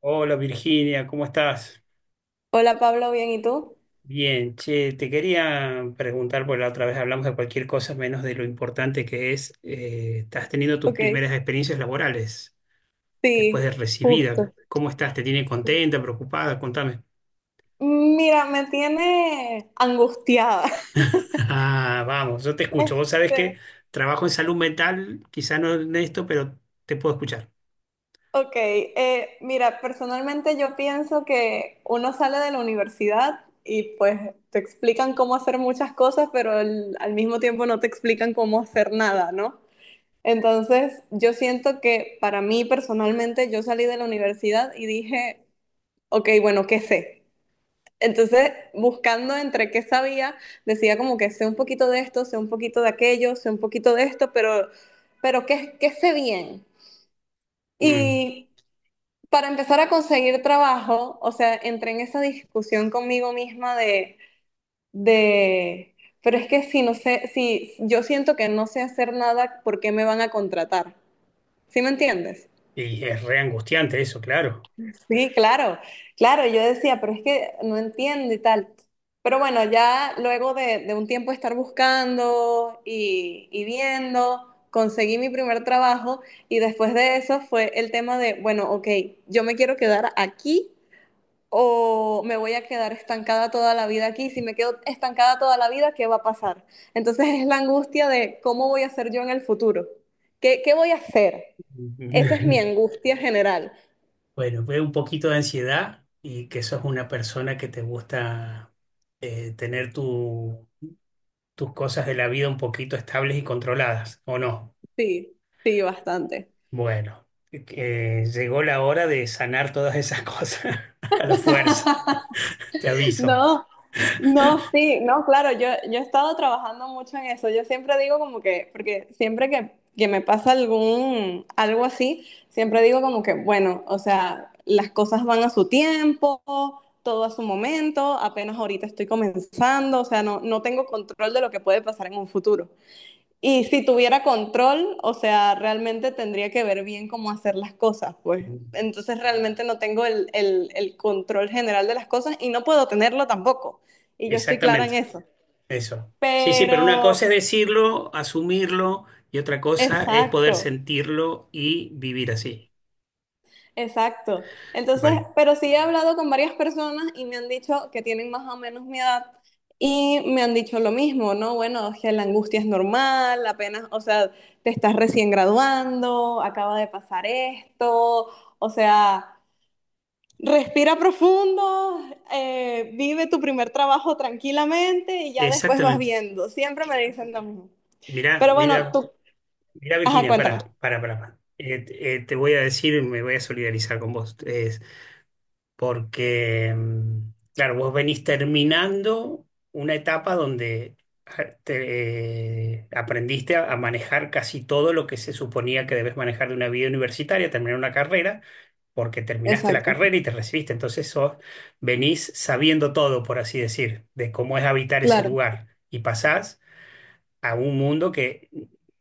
Hola Virginia, ¿cómo estás? Hola Pablo, bien, ¿y tú? Bien, che, te quería preguntar, porque la otra vez hablamos de cualquier cosa menos de lo importante que es, estás teniendo tus Ok, primeras experiencias laborales después sí, de recibida. justo. ¿Cómo estás? ¿Te tiene contenta, preocupada? Contame. Mira, me tiene angustiada. Ah, vamos, yo te escucho. Vos sabés que Este, trabajo en salud mental, quizá no en esto, pero te puedo escuchar. ok, mira, personalmente yo pienso que uno sale de la universidad y pues te explican cómo hacer muchas cosas, pero al mismo tiempo no te explican cómo hacer nada, ¿no? Entonces, yo siento que para mí personalmente yo salí de la universidad y dije, ok, bueno, ¿qué sé? Entonces, buscando entre qué sabía, decía como que sé un poquito de esto, sé un poquito de aquello, sé un poquito de esto, pero qué sé bien? Mm, Y para empezar a conseguir trabajo, o sea, entré en esa discusión conmigo misma de, pero es que si no sé, si yo siento que no sé hacer nada, ¿por qué me van a contratar? ¿Sí me entiendes? Y es re angustiante eso, claro. Sí, claro, claro, yo decía, pero es que no entiendo y tal. Pero bueno, ya luego de un tiempo de estar buscando y viendo, conseguí mi primer trabajo y después de eso fue el tema de, bueno, ok, yo me quiero quedar aquí o me voy a quedar estancada toda la vida aquí. Si me quedo estancada toda la vida, ¿qué va a pasar? Entonces es la angustia de cómo voy a ser yo en el futuro. Qué voy a hacer? Esa es mi angustia general. Bueno, veo un poquito de ansiedad y que sos una persona que te gusta tener tus cosas de la vida un poquito estables y controladas, ¿o no? Sí, sí, bastante. Bueno, llegó la hora de sanar todas esas cosas a la fuerza, te aviso. No, no, sí, no, claro, yo he estado trabajando mucho en eso. Yo siempre digo como que, porque siempre que me pasa algo así, siempre digo como que, bueno, o sea, las cosas van a su tiempo, todo a su momento, apenas ahorita estoy comenzando, o sea, no tengo control de lo que puede pasar en un futuro. Y si tuviera control, o sea, realmente tendría que ver bien cómo hacer las cosas, pues. Entonces realmente no tengo el control general de las cosas y no puedo tenerlo tampoco. Y yo estoy clara en Exactamente, eso. eso. Sí, sí, pero una cosa es Pero, decirlo, asumirlo, y otra cosa es poder exacto. sentirlo y vivir así. Exacto. Entonces, Bueno, pero sí he hablado con varias personas y me han dicho que tienen más o menos mi edad y me han dicho lo mismo, ¿no? Bueno, o sea, la angustia es normal, apenas, o sea, te estás recién graduando, acaba de pasar esto, o sea, respira profundo, vive tu primer trabajo tranquilamente y ya después vas exactamente. viendo. Siempre me dicen lo mismo. Mira, Pero bueno, mira. tú, Mirá, ajá, Virginia, cuéntame. pará, pará, pará. Pará. Te voy a decir, me voy a solidarizar con vos, es porque, claro, vos venís terminando una etapa donde aprendiste a manejar casi todo lo que se suponía que debes manejar de una vida universitaria, terminar una carrera, porque terminaste la Exacto, carrera y te recibiste. Entonces venís sabiendo todo, por así decir, de cómo es habitar ese claro. lugar. Y pasás a un mundo que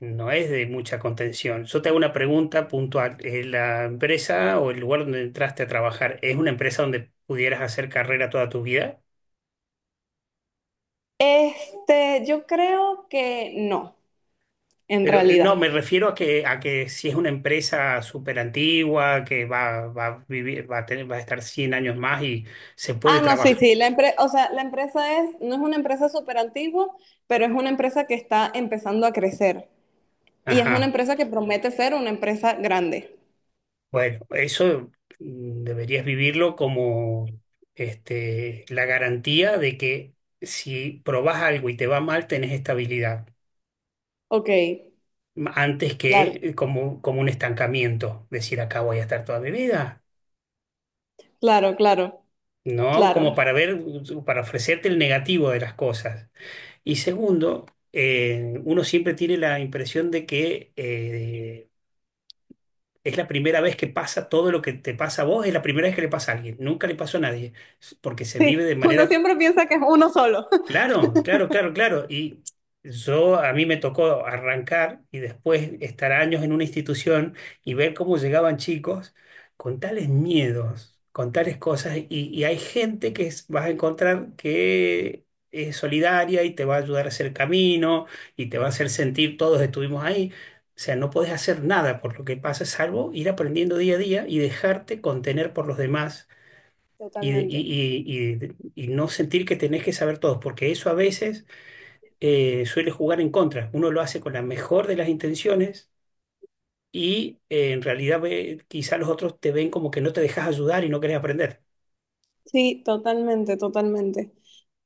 no es de mucha contención. Yo te hago una pregunta puntual. ¿La empresa o el lugar donde entraste a trabajar es una empresa donde pudieras hacer carrera toda tu vida? Este, yo creo que no, en Pero realidad. no, me refiero a que si es una empresa súper antigua, que va a vivir, va a tener, va a estar 100 años más y se puede Ah, no, sí, trabajar. sí, la empresa, o sea, la empresa es, no es una empresa súper antigua, pero es una empresa que está empezando a crecer y es una Ajá. empresa que promete ser una empresa grande. Bueno, eso deberías vivirlo como la garantía de que si probás algo y te va mal, tenés estabilidad. Ok, Antes que claro, como un estancamiento, decir acá voy a estar toda mi vida, claro, claro, ¿no? claro. Como para ver, para ofrecerte el negativo de las cosas. Y segundo, uno siempre tiene la impresión de que es la primera vez que pasa todo lo que te pasa a vos, es la primera vez que le pasa a alguien, nunca le pasó a nadie, porque se vive Sí, de uno manera... siempre piensa que es uno solo. Claro, claro, claro, claro. Y yo a mí me tocó arrancar y después estar años en una institución y ver cómo llegaban chicos con tales miedos, con tales cosas. Y hay gente que vas a encontrar que es solidaria y te va a ayudar a hacer camino y te va a hacer sentir todos estuvimos ahí. O sea, no podés hacer nada por lo que pasa, salvo ir aprendiendo día a día y dejarte contener por los demás y, de- Totalmente. y- y- y no sentir que tenés que saber todo, porque eso a veces suele jugar en contra. Uno lo hace con la mejor de las intenciones y en realidad quizá los otros te ven como que no te dejas ayudar y no querés aprender. Sí, totalmente, totalmente,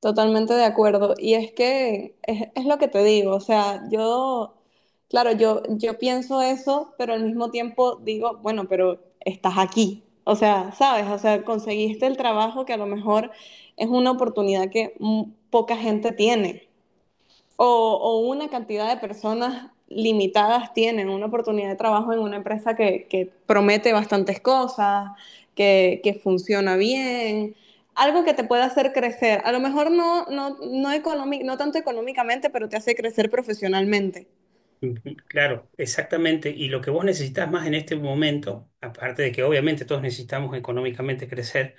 totalmente de acuerdo. Y es que es lo que te digo, o sea, yo, claro, yo pienso eso, pero al mismo tiempo digo, bueno, pero estás aquí, o sea, sabes, o sea, conseguiste el trabajo que a lo mejor es una oportunidad que mm, poca gente tiene o una cantidad de personas limitadas tienen una oportunidad de trabajo en una empresa que promete bastantes cosas, funciona bien, algo que te pueda hacer crecer. A lo mejor economic, no tanto económicamente, pero te hace crecer profesionalmente. Ujú, claro, exactamente. Y lo que vos necesitas más en este momento, aparte de que obviamente todos necesitamos económicamente crecer,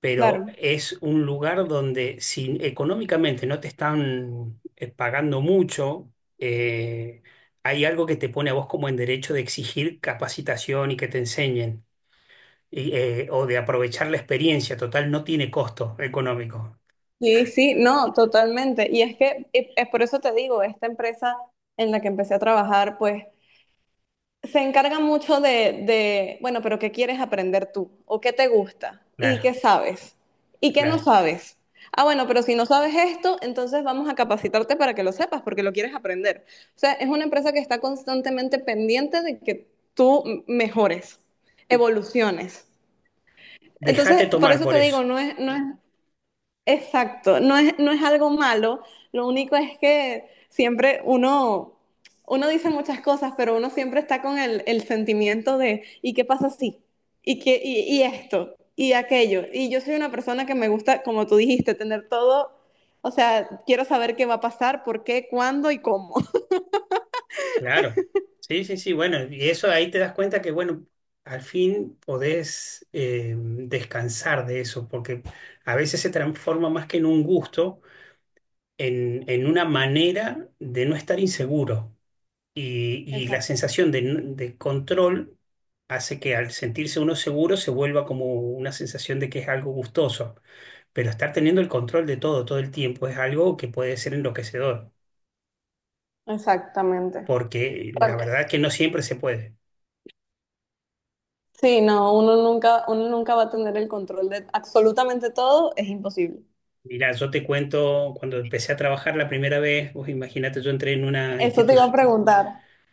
pero Claro. es un lugar donde si económicamente no te están pagando mucho, eh, hay algo que te pone a vos como en derecho de exigir capacitación y que te enseñen, y, o de aprovechar la experiencia. Total, no tiene costo económico. Sí, sí, no, totalmente. Y es que es por eso te digo, esta empresa en la que empecé a trabajar, pues se encarga mucho bueno, pero ¿qué quieres aprender tú? ¿O qué te gusta? ¿Y Claro, qué sabes? ¿Y qué no claro. sabes? Ah, bueno, pero si no sabes esto, entonces vamos a capacitarte para que lo sepas, porque lo quieres aprender. O sea, es una empresa que está constantemente pendiente de que tú mejores, evoluciones. Entonces, Déjate por tomar eso por te eso. digo, exacto, no es algo malo, lo único es que siempre uno dice muchas cosas, pero uno siempre está con el sentimiento de, ¿y qué pasa si? ¿Y qué, y esto? ¿Y aquello? Y yo soy una persona que me gusta, como tú dijiste, tener todo, o sea, quiero saber qué va a pasar, por qué, cuándo y cómo. Claro. Sí, sí, sí. Bueno, y eso ahí te das cuenta que, bueno, al fin podés descansar de eso, porque a veces se transforma más que en un gusto en una manera de no estar inseguro. Y la Exacto, sensación de control hace que al sentirse uno seguro se vuelva como una sensación de que es algo gustoso. Pero estar teniendo el control de todo todo el tiempo es algo que puede ser enloquecedor, exactamente. porque la Porque, verdad que no siempre se puede. sí, no, uno nunca va a tener el control de absolutamente todo, es imposible. Mira, yo te cuento, cuando empecé a trabajar la primera vez, vos imagínate, yo entré en una Eso te iba a institución preguntar.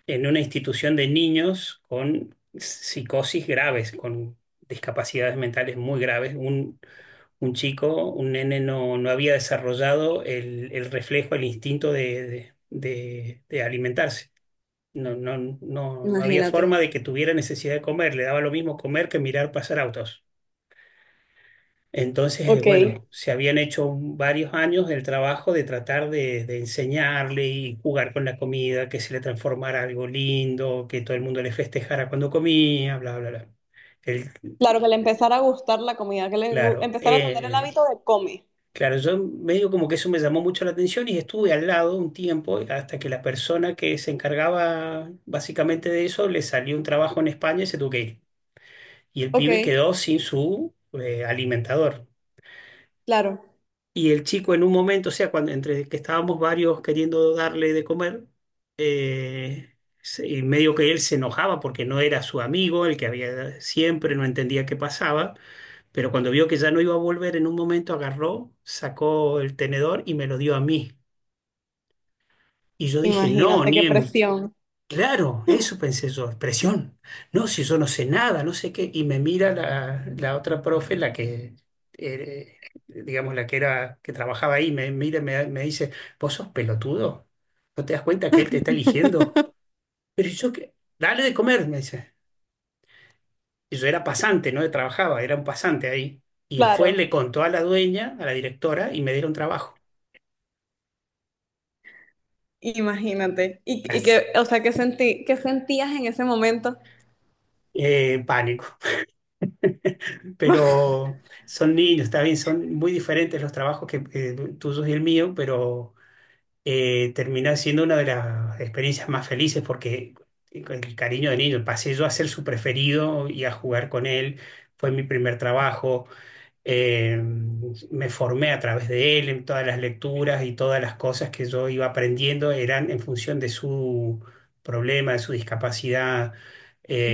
en una institución de niños con psicosis graves, con discapacidades mentales muy graves. Un chico, un nene no, no había desarrollado el reflejo, el instinto de alimentarse. No, no, no, no había forma Imagínate. de que tuviera necesidad de comer. Le daba lo mismo comer que mirar pasar autos. Entonces, Ok. bueno, se habían hecho varios años el trabajo de tratar de enseñarle y jugar con la comida, que se le transformara algo lindo, que todo el mundo le festejara cuando comía, bla, bla, bla. El- Claro, que le empezara a gustar la comida, que claro, empezara a tener el hábito de comer. claro, yo medio como que eso me llamó mucho la atención y estuve al lado un tiempo hasta que la persona que se encargaba básicamente de eso le salió un trabajo en España y se tuvo que ir. Y el Ok, pibe quedó sin su alimentador. claro. Y el chico en un momento, o sea, cuando entre que estábamos varios queriendo darle de comer, eh, y medio que él se enojaba porque no era su amigo, el que había siempre, no entendía qué pasaba, pero cuando vio que ya no iba a volver, en un momento agarró, sacó el tenedor y me lo dio a mí. Y yo dije, no, Imagínate ni qué en... presión. Claro, eso pensé yo, expresión. No, si yo no sé nada, no sé qué. Y me mira la otra profe, la que, digamos, la que era, que trabajaba ahí, me mira y me dice, ¿vos sos pelotudo? ¿No te das cuenta que él te está eligiendo? Pero yo que, dale de comer, me dice. Y yo era pasante, no trabajaba, era un pasante ahí. Y fue, Claro, le contó a la dueña, a la directora, y me dieron trabajo. imagínate. Y As- que, o sea, ¿qué sentí, qué sentías en ese momento? Pánico. Pero son niños, está bien, son muy diferentes los trabajos que tuyos y el mío, pero termina siendo una de las experiencias más felices porque el cariño de niño, pasé yo a ser su preferido y a jugar con él, fue mi primer trabajo, eh, me formé a través de él en todas las lecturas y todas las cosas que yo iba aprendiendo eran en función de su problema, de su discapacidad.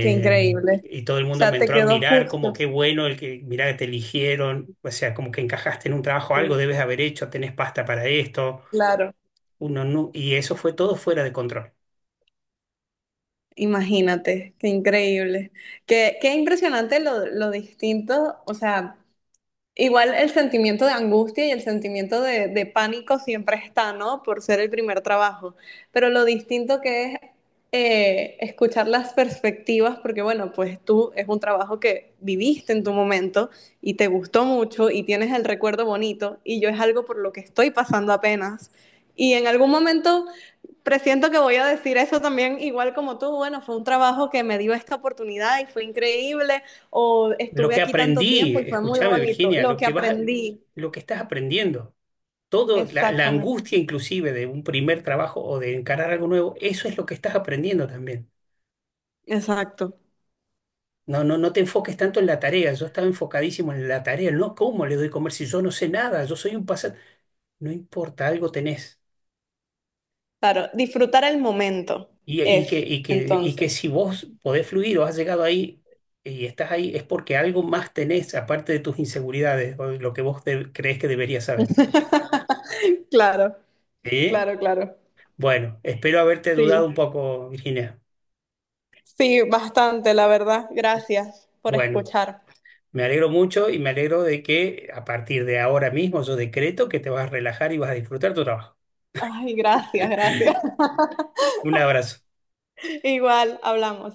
Qué increíble. y todo el O mundo me sea, te entró a quedó mirar como justo. qué bueno el que, mirá que te eligieron, o sea, como que encajaste en un trabajo, Sí, algo debes haber hecho, tenés pasta para esto. claro. Uno no, y eso fue todo fuera de control. Imagínate, qué increíble. Qué impresionante lo distinto, o sea, igual el sentimiento de angustia y el sentimiento de pánico siempre está, ¿no? Por ser el primer trabajo. Pero lo distinto que es escuchar las perspectivas, porque bueno, pues tú es un trabajo que viviste en tu momento y te gustó mucho y tienes el recuerdo bonito y yo es algo por lo que estoy pasando apenas. Y en algún momento presiento que voy a decir eso también, igual como tú, bueno, fue un trabajo que me dio esta oportunidad y fue increíble, o Lo estuve que aquí tanto aprendí, tiempo y fue muy escúchame bonito, Virginia, lo lo que que vas, aprendí. lo que estás aprendiendo. Todo, la Exactamente. angustia inclusive de un primer trabajo o de encarar algo nuevo, eso es lo que estás aprendiendo también. Exacto. No, no, no te enfoques tanto en la tarea. Yo estaba enfocadísimo en la tarea. No, ¿cómo le doy comer si yo no sé nada? Yo soy un pasante. No importa, algo tenés. Claro, disfrutar el momento Y, y es, que, y que, y que entonces. si vos podés fluir o has llegado ahí y estás ahí, es porque algo más tenés, aparte de tus inseguridades o de lo que vos crees que deberías saber. Claro, ¿Sí? claro, claro. Bueno, espero haberte Sí, ayudado un poco, Virginia. sí, bastante, la verdad. Gracias por Bueno. escuchar. Me alegro mucho y me alegro de que a partir de ahora mismo yo decreto que te vas a relajar y vas a disfrutar tu trabajo. Ay, gracias, gracias. Un abrazo. Igual, hablamos.